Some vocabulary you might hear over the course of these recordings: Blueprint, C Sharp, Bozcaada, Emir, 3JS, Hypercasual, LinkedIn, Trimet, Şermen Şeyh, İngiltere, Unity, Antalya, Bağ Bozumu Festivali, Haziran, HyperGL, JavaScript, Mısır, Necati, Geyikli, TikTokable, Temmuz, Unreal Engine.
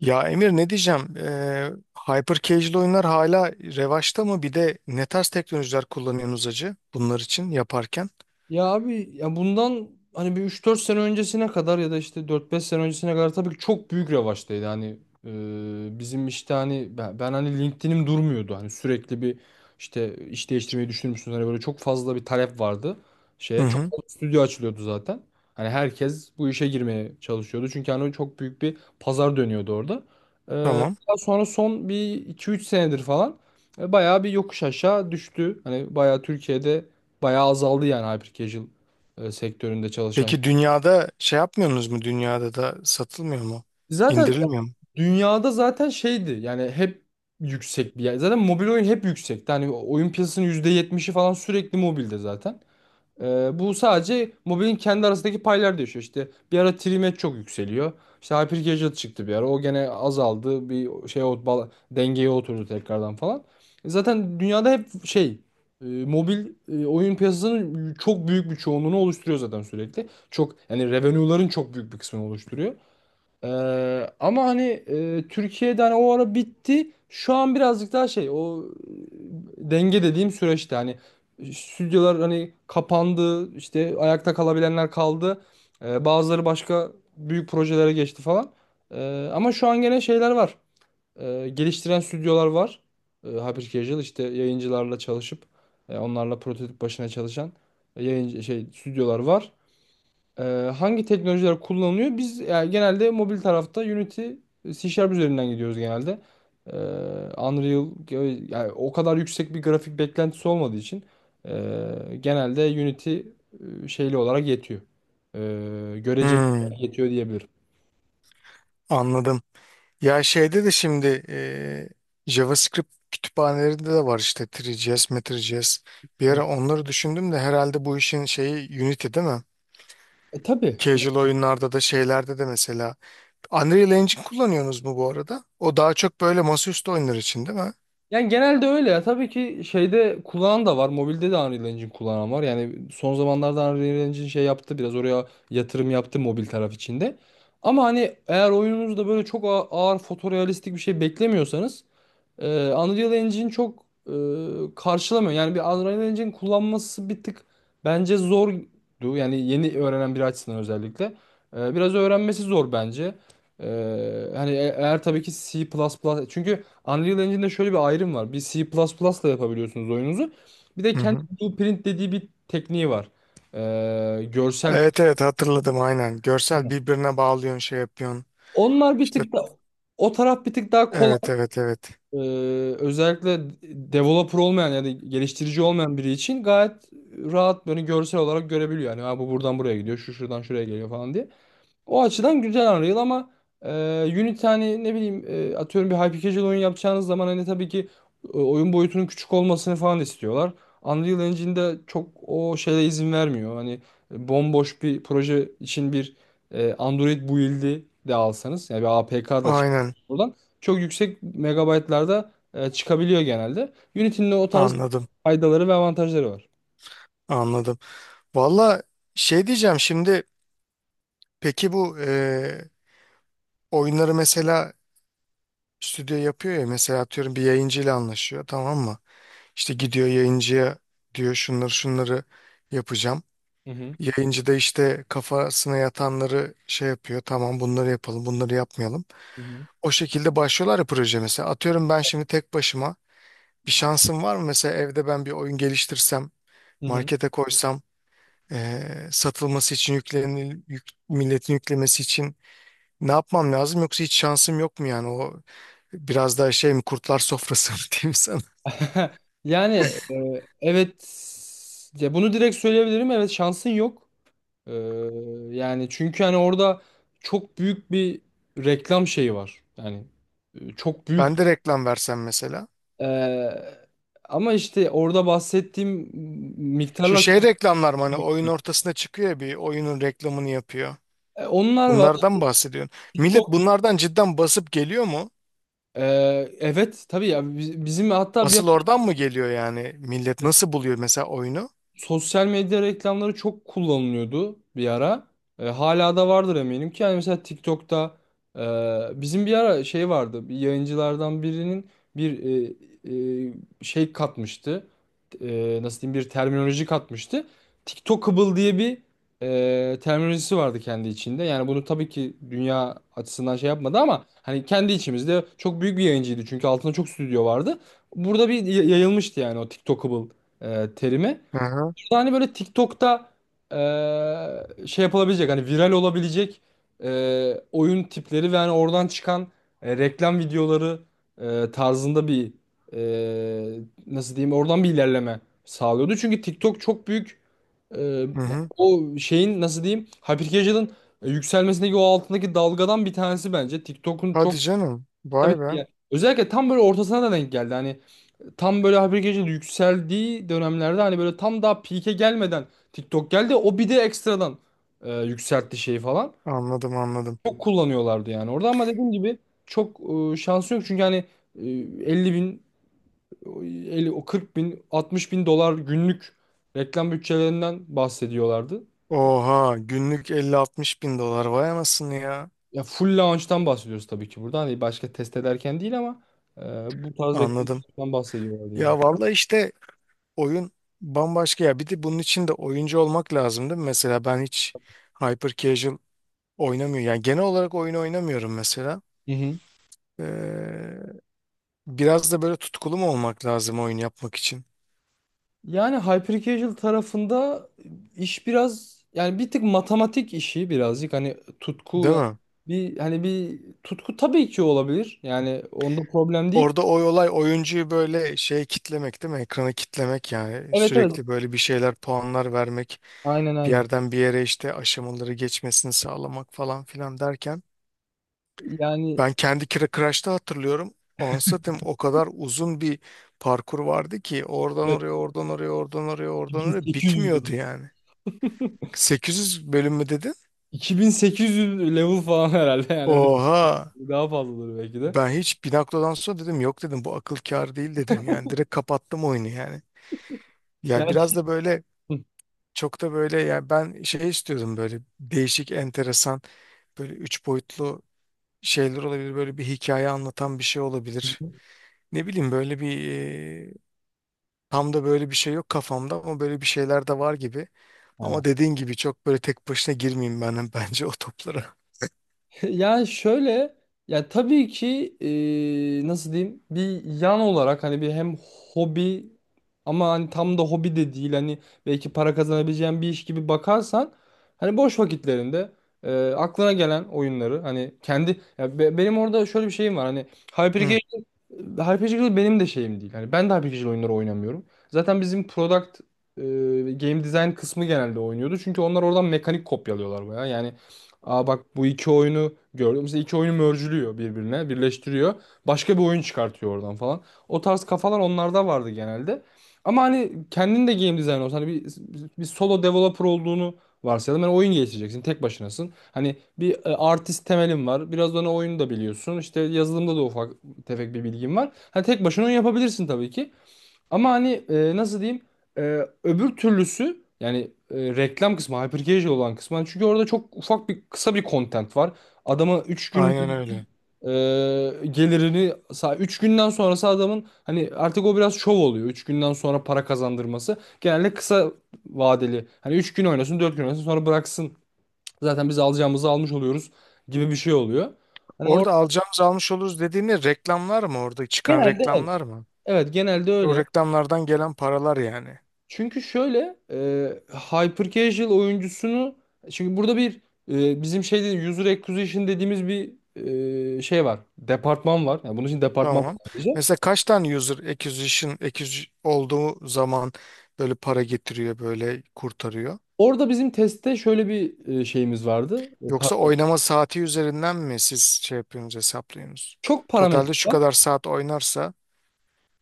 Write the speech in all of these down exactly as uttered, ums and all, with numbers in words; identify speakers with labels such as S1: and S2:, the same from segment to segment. S1: Ya Emir ne diyeceğim? Ee, hyper casual oyunlar hala revaçta mı? Bir de ne tarz teknolojiler kullanıyorsunuz acı bunlar için yaparken?
S2: Ya abi ya bundan hani bir üç dört sene öncesine kadar ya da işte dört beş sene öncesine kadar tabii ki çok büyük revaçtaydı. Hani e, bizim işte hani ben, ben hani LinkedIn'im durmuyordu. Hani sürekli bir işte iş değiştirmeyi düşünür müsünüz? Hani böyle çok fazla bir talep vardı
S1: Hı
S2: şeye. Çok
S1: hı,
S2: fazla stüdyo açılıyordu zaten. Hani herkes bu işe girmeye çalışıyordu. Çünkü hani çok büyük bir pazar dönüyordu orada. E,
S1: tamam.
S2: Daha sonra son bir iki üç senedir falan e, bayağı bir yokuş aşağı düştü. Hani bayağı Türkiye'de bayağı azaldı yani hyper e, sektöründe çalışan.
S1: Peki dünyada şey yapmıyorsunuz mu? Dünyada da satılmıyor mu?
S2: Zaten
S1: İndirilmiyor mu?
S2: dünyada zaten şeydi yani hep yüksek bir yer. Zaten mobil oyun hep yüksekti. Hani oyun piyasasının yüzde yetmişi falan sürekli mobilde zaten. Ee, bu sadece mobilin kendi arasındaki paylar değişiyor. İşte bir ara Trimet çok yükseliyor. İşte Hypercasual çıktı bir ara. O gene azaldı. Bir şey o bal- dengeye oturdu tekrardan falan. E zaten dünyada hep şey e, mobil e, oyun piyasasının çok büyük bir çoğunluğunu oluşturuyor zaten sürekli. Çok yani revenue'ların çok büyük bir kısmını oluşturuyor. Ee, ama hani e, Türkiye'de hani o ara bitti. Şu an birazcık daha şey o e, denge dediğim süreçte hani stüdyolar hani kapandı, işte ayakta kalabilenler kaldı. Ee, bazıları başka büyük projelere geçti falan. Ee, ama şu an gene şeyler var. Ee, geliştiren stüdyolar var. Ee, Hyper Casual işte yayıncılarla çalışıp e, onlarla prototip başına çalışan yayıncı şey stüdyolar var. Ee, hangi teknolojiler kullanılıyor? Biz yani genelde mobil tarafta Unity, e, C Sharp üzerinden gidiyoruz genelde. Ee, Unreal yani o kadar yüksek bir grafik beklentisi olmadığı için ee, genelde Unity e, şeyli olarak yetiyor. Ee, göreceli
S1: Hmm,
S2: olarak yetiyor diyebilirim.
S1: anladım. Ya şeyde de şimdi e, JavaScript kütüphanelerinde de var işte üç J S. Bir
S2: Hı.
S1: ara onları düşündüm de herhalde bu işin şeyi Unity değil mi?
S2: E, tabii.
S1: Casual oyunlarda da şeylerde de mesela Unreal Engine kullanıyorsunuz mu bu arada? O daha çok böyle masaüstü oyunlar için değil mi?
S2: Yani genelde öyle ya. Tabii ki şeyde kullanan da var. Mobilde de Unreal Engine kullanan var. Yani son zamanlarda Unreal Engine şey yaptı. Biraz oraya yatırım yaptı mobil taraf içinde. Ama hani eğer oyununuzda böyle çok ağ- ağır fotorealistik bir şey beklemiyorsanız ee, Unreal Engine çok e, karşılamıyor. Yani bir Unreal Engine kullanması bir tık bence zordu. Yani yeni öğrenen biri açısından özellikle. Ee, biraz öğrenmesi zor bence. Ee, hani e- eğer tabii ki C++, çünkü Unreal Engine'de şöyle bir ayrım var. Bir C++ ile yapabiliyorsunuz oyununuzu. Bir de
S1: Hı
S2: kendi
S1: hı.
S2: Blueprint dediği bir tekniği var. Ee, görsel.
S1: Evet evet hatırladım aynen. Görsel birbirine bağlıyorsun şey yapıyorsun.
S2: Onlar bir
S1: İşte
S2: tık da o taraf bir tık daha
S1: evet
S2: kolay.
S1: evet evet.
S2: Ee, özellikle developer olmayan ya da geliştirici olmayan biri için gayet rahat böyle görsel olarak görebiliyor. Yani ha, bu buradan buraya gidiyor, şu şuradan şuraya geliyor falan diye. O açıdan güzel Unreal ama e, Unity hani ne bileyim e, atıyorum bir hyper-casual oyun yapacağınız zaman hani tabii ki e, oyun boyutunun küçük olmasını falan istiyorlar. Unreal Engine'de çok o şeye izin vermiyor. Hani e, bomboş bir proje için bir e, Android build'i de alsanız yani bir A P K da çık
S1: Aynen,
S2: buradan çok yüksek megabaytlarda e, çıkabiliyor genelde. Unity'nin de o tarz
S1: anladım
S2: faydaları ve avantajları var.
S1: anladım. Valla şey diyeceğim şimdi, peki bu e, oyunları mesela stüdyo yapıyor ya, mesela atıyorum bir yayıncıyla anlaşıyor tamam mı? İşte gidiyor yayıncıya, diyor şunları şunları yapacağım.
S2: Hı hı.
S1: Yayıncı da işte kafasına yatanları şey yapıyor. Tamam bunları yapalım, bunları yapmayalım.
S2: Hı hı.
S1: O şekilde başlıyorlar ya proje mesela. Atıyorum ben şimdi tek başıma bir şansım var mı? Mesela evde ben bir oyun geliştirsem,
S2: Hı hı.
S1: markete koysam, eee, satılması için yüklenil, yük- milletin yüklemesi için ne yapmam lazım? Yoksa hiç şansım yok mu yani? O biraz daha şey mi, kurtlar sofrası mı diyeyim sana.
S2: Yani e, evet ya bunu direkt söyleyebilirim. Evet, şansın yok. Ee, yani çünkü hani orada çok büyük bir reklam şeyi var. Yani e, çok büyük
S1: Ben de reklam versem mesela.
S2: e, ama işte orada bahsettiğim
S1: Şu
S2: miktarlar
S1: şey
S2: çok-
S1: reklamlar mı, hani oyun ortasında çıkıyor ya, bir oyunun reklamını yapıyor.
S2: e, onlar var.
S1: Bunlardan bahsediyorsun. Millet
S2: TikTok,
S1: bunlardan cidden basıp geliyor mu?
S2: e, evet tabii ya, biz- bizim hatta bir
S1: Asıl oradan mı geliyor yani? Millet nasıl buluyor mesela oyunu?
S2: sosyal medya reklamları çok kullanılıyordu bir ara. E, hala da vardır eminim ki. Yani mesela TikTok'ta e, bizim bir ara şey vardı. Bir yayıncılardan birinin bir e, e, şey katmıştı. E, nasıl diyeyim, bir terminoloji katmıştı. TikTokable diye bir e, terminolojisi vardı kendi içinde. Yani bunu tabii ki dünya açısından şey yapmadı ama hani kendi içimizde çok büyük bir yayıncıydı. Çünkü altında çok stüdyo vardı. Burada bir y- yayılmıştı yani o TikTokable e, terimi.
S1: Hı hı.
S2: Hani böyle TikTok'ta eee, şey yapılabilecek hani viral olabilecek eee, oyun tipleri ve hani oradan çıkan e, reklam videoları e, tarzında bir e, nasıl diyeyim, oradan bir ilerleme sağlıyordu. Çünkü TikTok çok büyük e,
S1: Hı hı.
S2: o şeyin, nasıl diyeyim, hypercasual'ın yükselmesindeki o altındaki dalgadan bir tanesi bence. TikTok'un çok,
S1: Hadi canım.
S2: tabii
S1: Vay
S2: ki,
S1: be.
S2: yani özellikle tam böyle ortasına da denk geldi. Hani tam böyle haber gece yükseldiği dönemlerde hani böyle tam daha peak'e gelmeden TikTok geldi. O bir de ekstradan e, yükseltti şeyi falan.
S1: Anladım anladım.
S2: Çok kullanıyorlardı yani orada, ama dediğim gibi çok e, şansı yok. Çünkü hani e, elli bin, o o kırk bin, altmış bin dolar günlük reklam bütçelerinden bahsediyorlardı.
S1: Oha, günlük elli altmış bin dolar, vay anasını ya.
S2: Ya full launch'tan bahsediyoruz tabii ki burada. Hani başka test ederken değil, ama e, bu tarz reklam
S1: Anladım.
S2: bütçelerinden bahsediyorlardı yani.
S1: Ya vallahi işte oyun bambaşka ya. Bir de bunun için de oyuncu olmak lazım değil mi? Mesela ben hiç hyper casual oynamıyorum. Yani genel olarak oyun oynamıyorum mesela.
S2: Hı hı.
S1: Ee, biraz da böyle tutkulu mu olmak lazım oyun yapmak için?
S2: Yani hyper tarafında iş biraz yani bir tık matematik işi, birazcık hani tutku
S1: Değil
S2: yani
S1: mi?
S2: bir hani bir tutku tabii ki olabilir. Yani onda problem değil.
S1: Orada o olay oyuncuyu böyle şey kitlemek değil mi? Ekranı kitlemek, yani
S2: Evet, evet.
S1: sürekli böyle bir şeyler, puanlar vermek,
S2: Aynen,
S1: bir
S2: aynen.
S1: yerden bir yere işte aşamaları geçmesini sağlamak falan filan derken,
S2: Yani
S1: ben kendi Kira Crash'ta hatırlıyorum Ansat'ım, o kadar uzun bir parkur vardı ki oradan
S2: evet,
S1: oraya oradan oraya oradan oraya oradan oraya bitmiyordu
S2: 2800
S1: yani. sekiz yüz bölüm mü dedin?
S2: iki bin sekiz yüz level falan herhalde, yani öyle,
S1: Oha,
S2: daha fazladır belki de.
S1: ben hiç bir noktadan sonra dedim yok, dedim bu akıl kâr değil, dedim yani direkt kapattım oyunu yani. Ya
S2: Yani
S1: biraz da böyle, çok da böyle yani ben şey istiyordum, böyle değişik, enteresan, böyle üç boyutlu şeyler olabilir. Böyle bir hikaye anlatan bir şey
S2: hı
S1: olabilir. Ne bileyim böyle bir, e, tam da böyle bir şey yok kafamda ama böyle bir şeyler de var gibi. Ama dediğin gibi çok böyle tek başına girmeyeyim ben bence o toplara.
S2: yani şöyle, ya tabii ki e, nasıl diyeyim, bir yan olarak hani bir hem hobi ama hani tam da hobi de değil, hani belki para kazanabileceğin bir iş gibi bakarsan hani boş vakitlerinde e, aklına gelen oyunları hani kendi ya be- benim orada şöyle bir şeyim var hani.
S1: Hı,
S2: Hypercasual, HyperGL benim de şeyim değil. Yani ben de HyperGL oyunları oynamıyorum. Zaten bizim product e, game design kısmı genelde oynuyordu. Çünkü onlar oradan mekanik kopyalıyorlar bayağı. Yani, aa bak, bu iki oyunu gördüm. Mesela iki oyunu merge'lüyor birbirine, birleştiriyor. Başka bir oyun çıkartıyor oradan falan. O tarz kafalar onlarda vardı genelde. Ama hani kendin de game design olsan hani bir, bir solo developer olduğunu varsayalım. Yani oyun geliştireceksin, tek başınasın. Hani bir e, artist temelin var. Biraz da ona oyunu da biliyorsun. İşte yazılımda da ufak tefek bir bilgim var. Hani tek başına onu yapabilirsin tabii ki. Ama hani e, nasıl diyeyim? E, öbür türlüsü yani e, reklam kısmı, hyper olan kısmı. Hani çünkü orada çok ufak bir kısa bir content var. Adama üç gün
S1: aynen öyle.
S2: e, gelirini, üç günden sonrası adamın hani artık o biraz şov oluyor. Üç günden sonra para kazandırması genelde kısa vadeli. Hani üç gün oynasın, dört gün oynasın, sonra bıraksın. Zaten biz alacağımızı almış oluyoruz gibi bir şey oluyor. Hani
S1: Orada
S2: orada
S1: alacağımız almış oluruz dediğini reklamlar mı, orada çıkan
S2: genelde evet,
S1: reklamlar mı?
S2: evet, genelde
S1: O
S2: öyle.
S1: reklamlardan gelen paralar yani.
S2: Çünkü şöyle, e, hyper casual oyuncusunu, çünkü burada bir e, bizim şeyde user acquisition dediğimiz bir e, şey var. Departman var. Yani bunun için departman var
S1: Tamam.
S2: sadece.
S1: Mesela kaç tane user acquisition acquisition olduğu zaman böyle para getiriyor, böyle kurtarıyor?
S2: Orada bizim testte şöyle bir e, şeyimiz vardı. E,
S1: Yoksa
S2: par-
S1: oynama saati üzerinden mi siz şey yapıyorsunuz, hesaplıyorsunuz?
S2: çok parametre
S1: Totalde şu
S2: var.
S1: kadar saat oynarsa,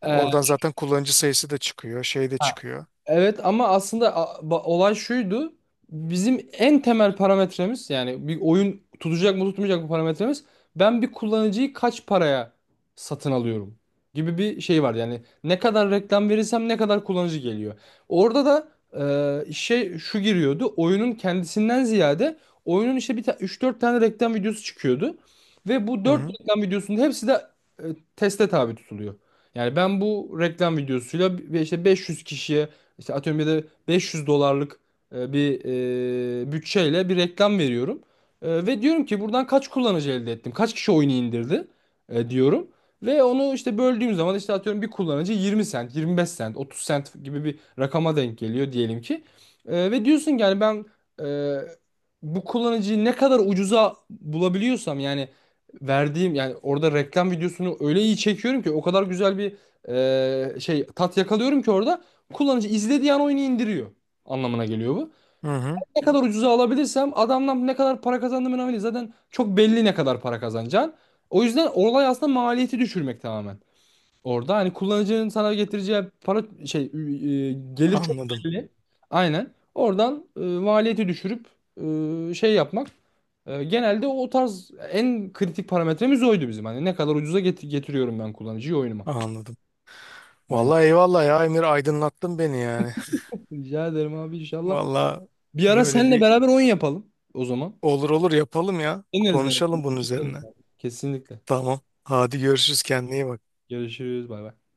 S1: e, oradan zaten kullanıcı sayısı da çıkıyor, şey de
S2: E,
S1: çıkıyor.
S2: Evet, ama aslında a- ba- olay şuydu. Bizim en temel parametremiz, yani bir oyun tutacak mı tutmayacak mı parametremiz, ben bir kullanıcıyı kaç paraya satın alıyorum gibi bir şey var. Yani ne kadar reklam verirsem ne kadar kullanıcı geliyor. Orada da e, şey şu giriyordu. Oyunun kendisinden ziyade oyunun işte bir ta üç dört tane reklam videosu çıkıyordu ve bu
S1: Hı
S2: dört
S1: hı.
S2: reklam videosunun hepsi de e, teste tabi tutuluyor. Yani ben bu reklam videosuyla bir- işte beş yüz kişiye işte atıyorum bir de beş yüz dolarlık e, bir e, bütçeyle bir reklam veriyorum. E, ve diyorum ki buradan kaç kullanıcı elde ettim? Kaç kişi oyunu indirdi? E, diyorum. Ve onu işte böldüğüm zaman işte atıyorum bir kullanıcı yirmi sent, yirmi beş sent, otuz sent gibi bir rakama denk geliyor diyelim ki. E, ve diyorsun ki yani ben e, bu kullanıcıyı ne kadar ucuza bulabiliyorsam, yani verdiğim yani orada reklam videosunu öyle iyi çekiyorum ki, o kadar güzel bir e, şey tat yakalıyorum ki orada kullanıcı izlediği an oyunu indiriyor anlamına geliyor bu.
S1: Hı hı.
S2: Ne kadar ucuza alabilirsem, adamdan ne kadar para kazandığım önemli değil. Zaten çok belli ne kadar para kazanacağın. O yüzden olay aslında maliyeti düşürmek tamamen. Orada hani kullanıcının sana getireceği para şey, e, gelir çok
S1: Anladım.
S2: belli. Aynen. Oradan e, maliyeti düşürüp e, şey yapmak. E, genelde o tarz en kritik parametremiz oydu bizim. Hani ne kadar ucuza get- getiriyorum ben kullanıcıyı oyunuma.
S1: Anladım.
S2: Aynen.
S1: Vallahi eyvallah ya Emir, aydınlattın beni yani.
S2: Rica ederim abi, inşallah.
S1: Vallahi
S2: Bir ara
S1: böyle
S2: seninle
S1: bir,
S2: beraber oyun yapalım o zaman.
S1: olur olur yapalım ya.
S2: Deneriz yani.
S1: Konuşalım bunun üzerine.
S2: Kesinlikle.
S1: Tamam. Hadi görüşürüz, kendine iyi bak.
S2: Görüşürüz. Bay bay.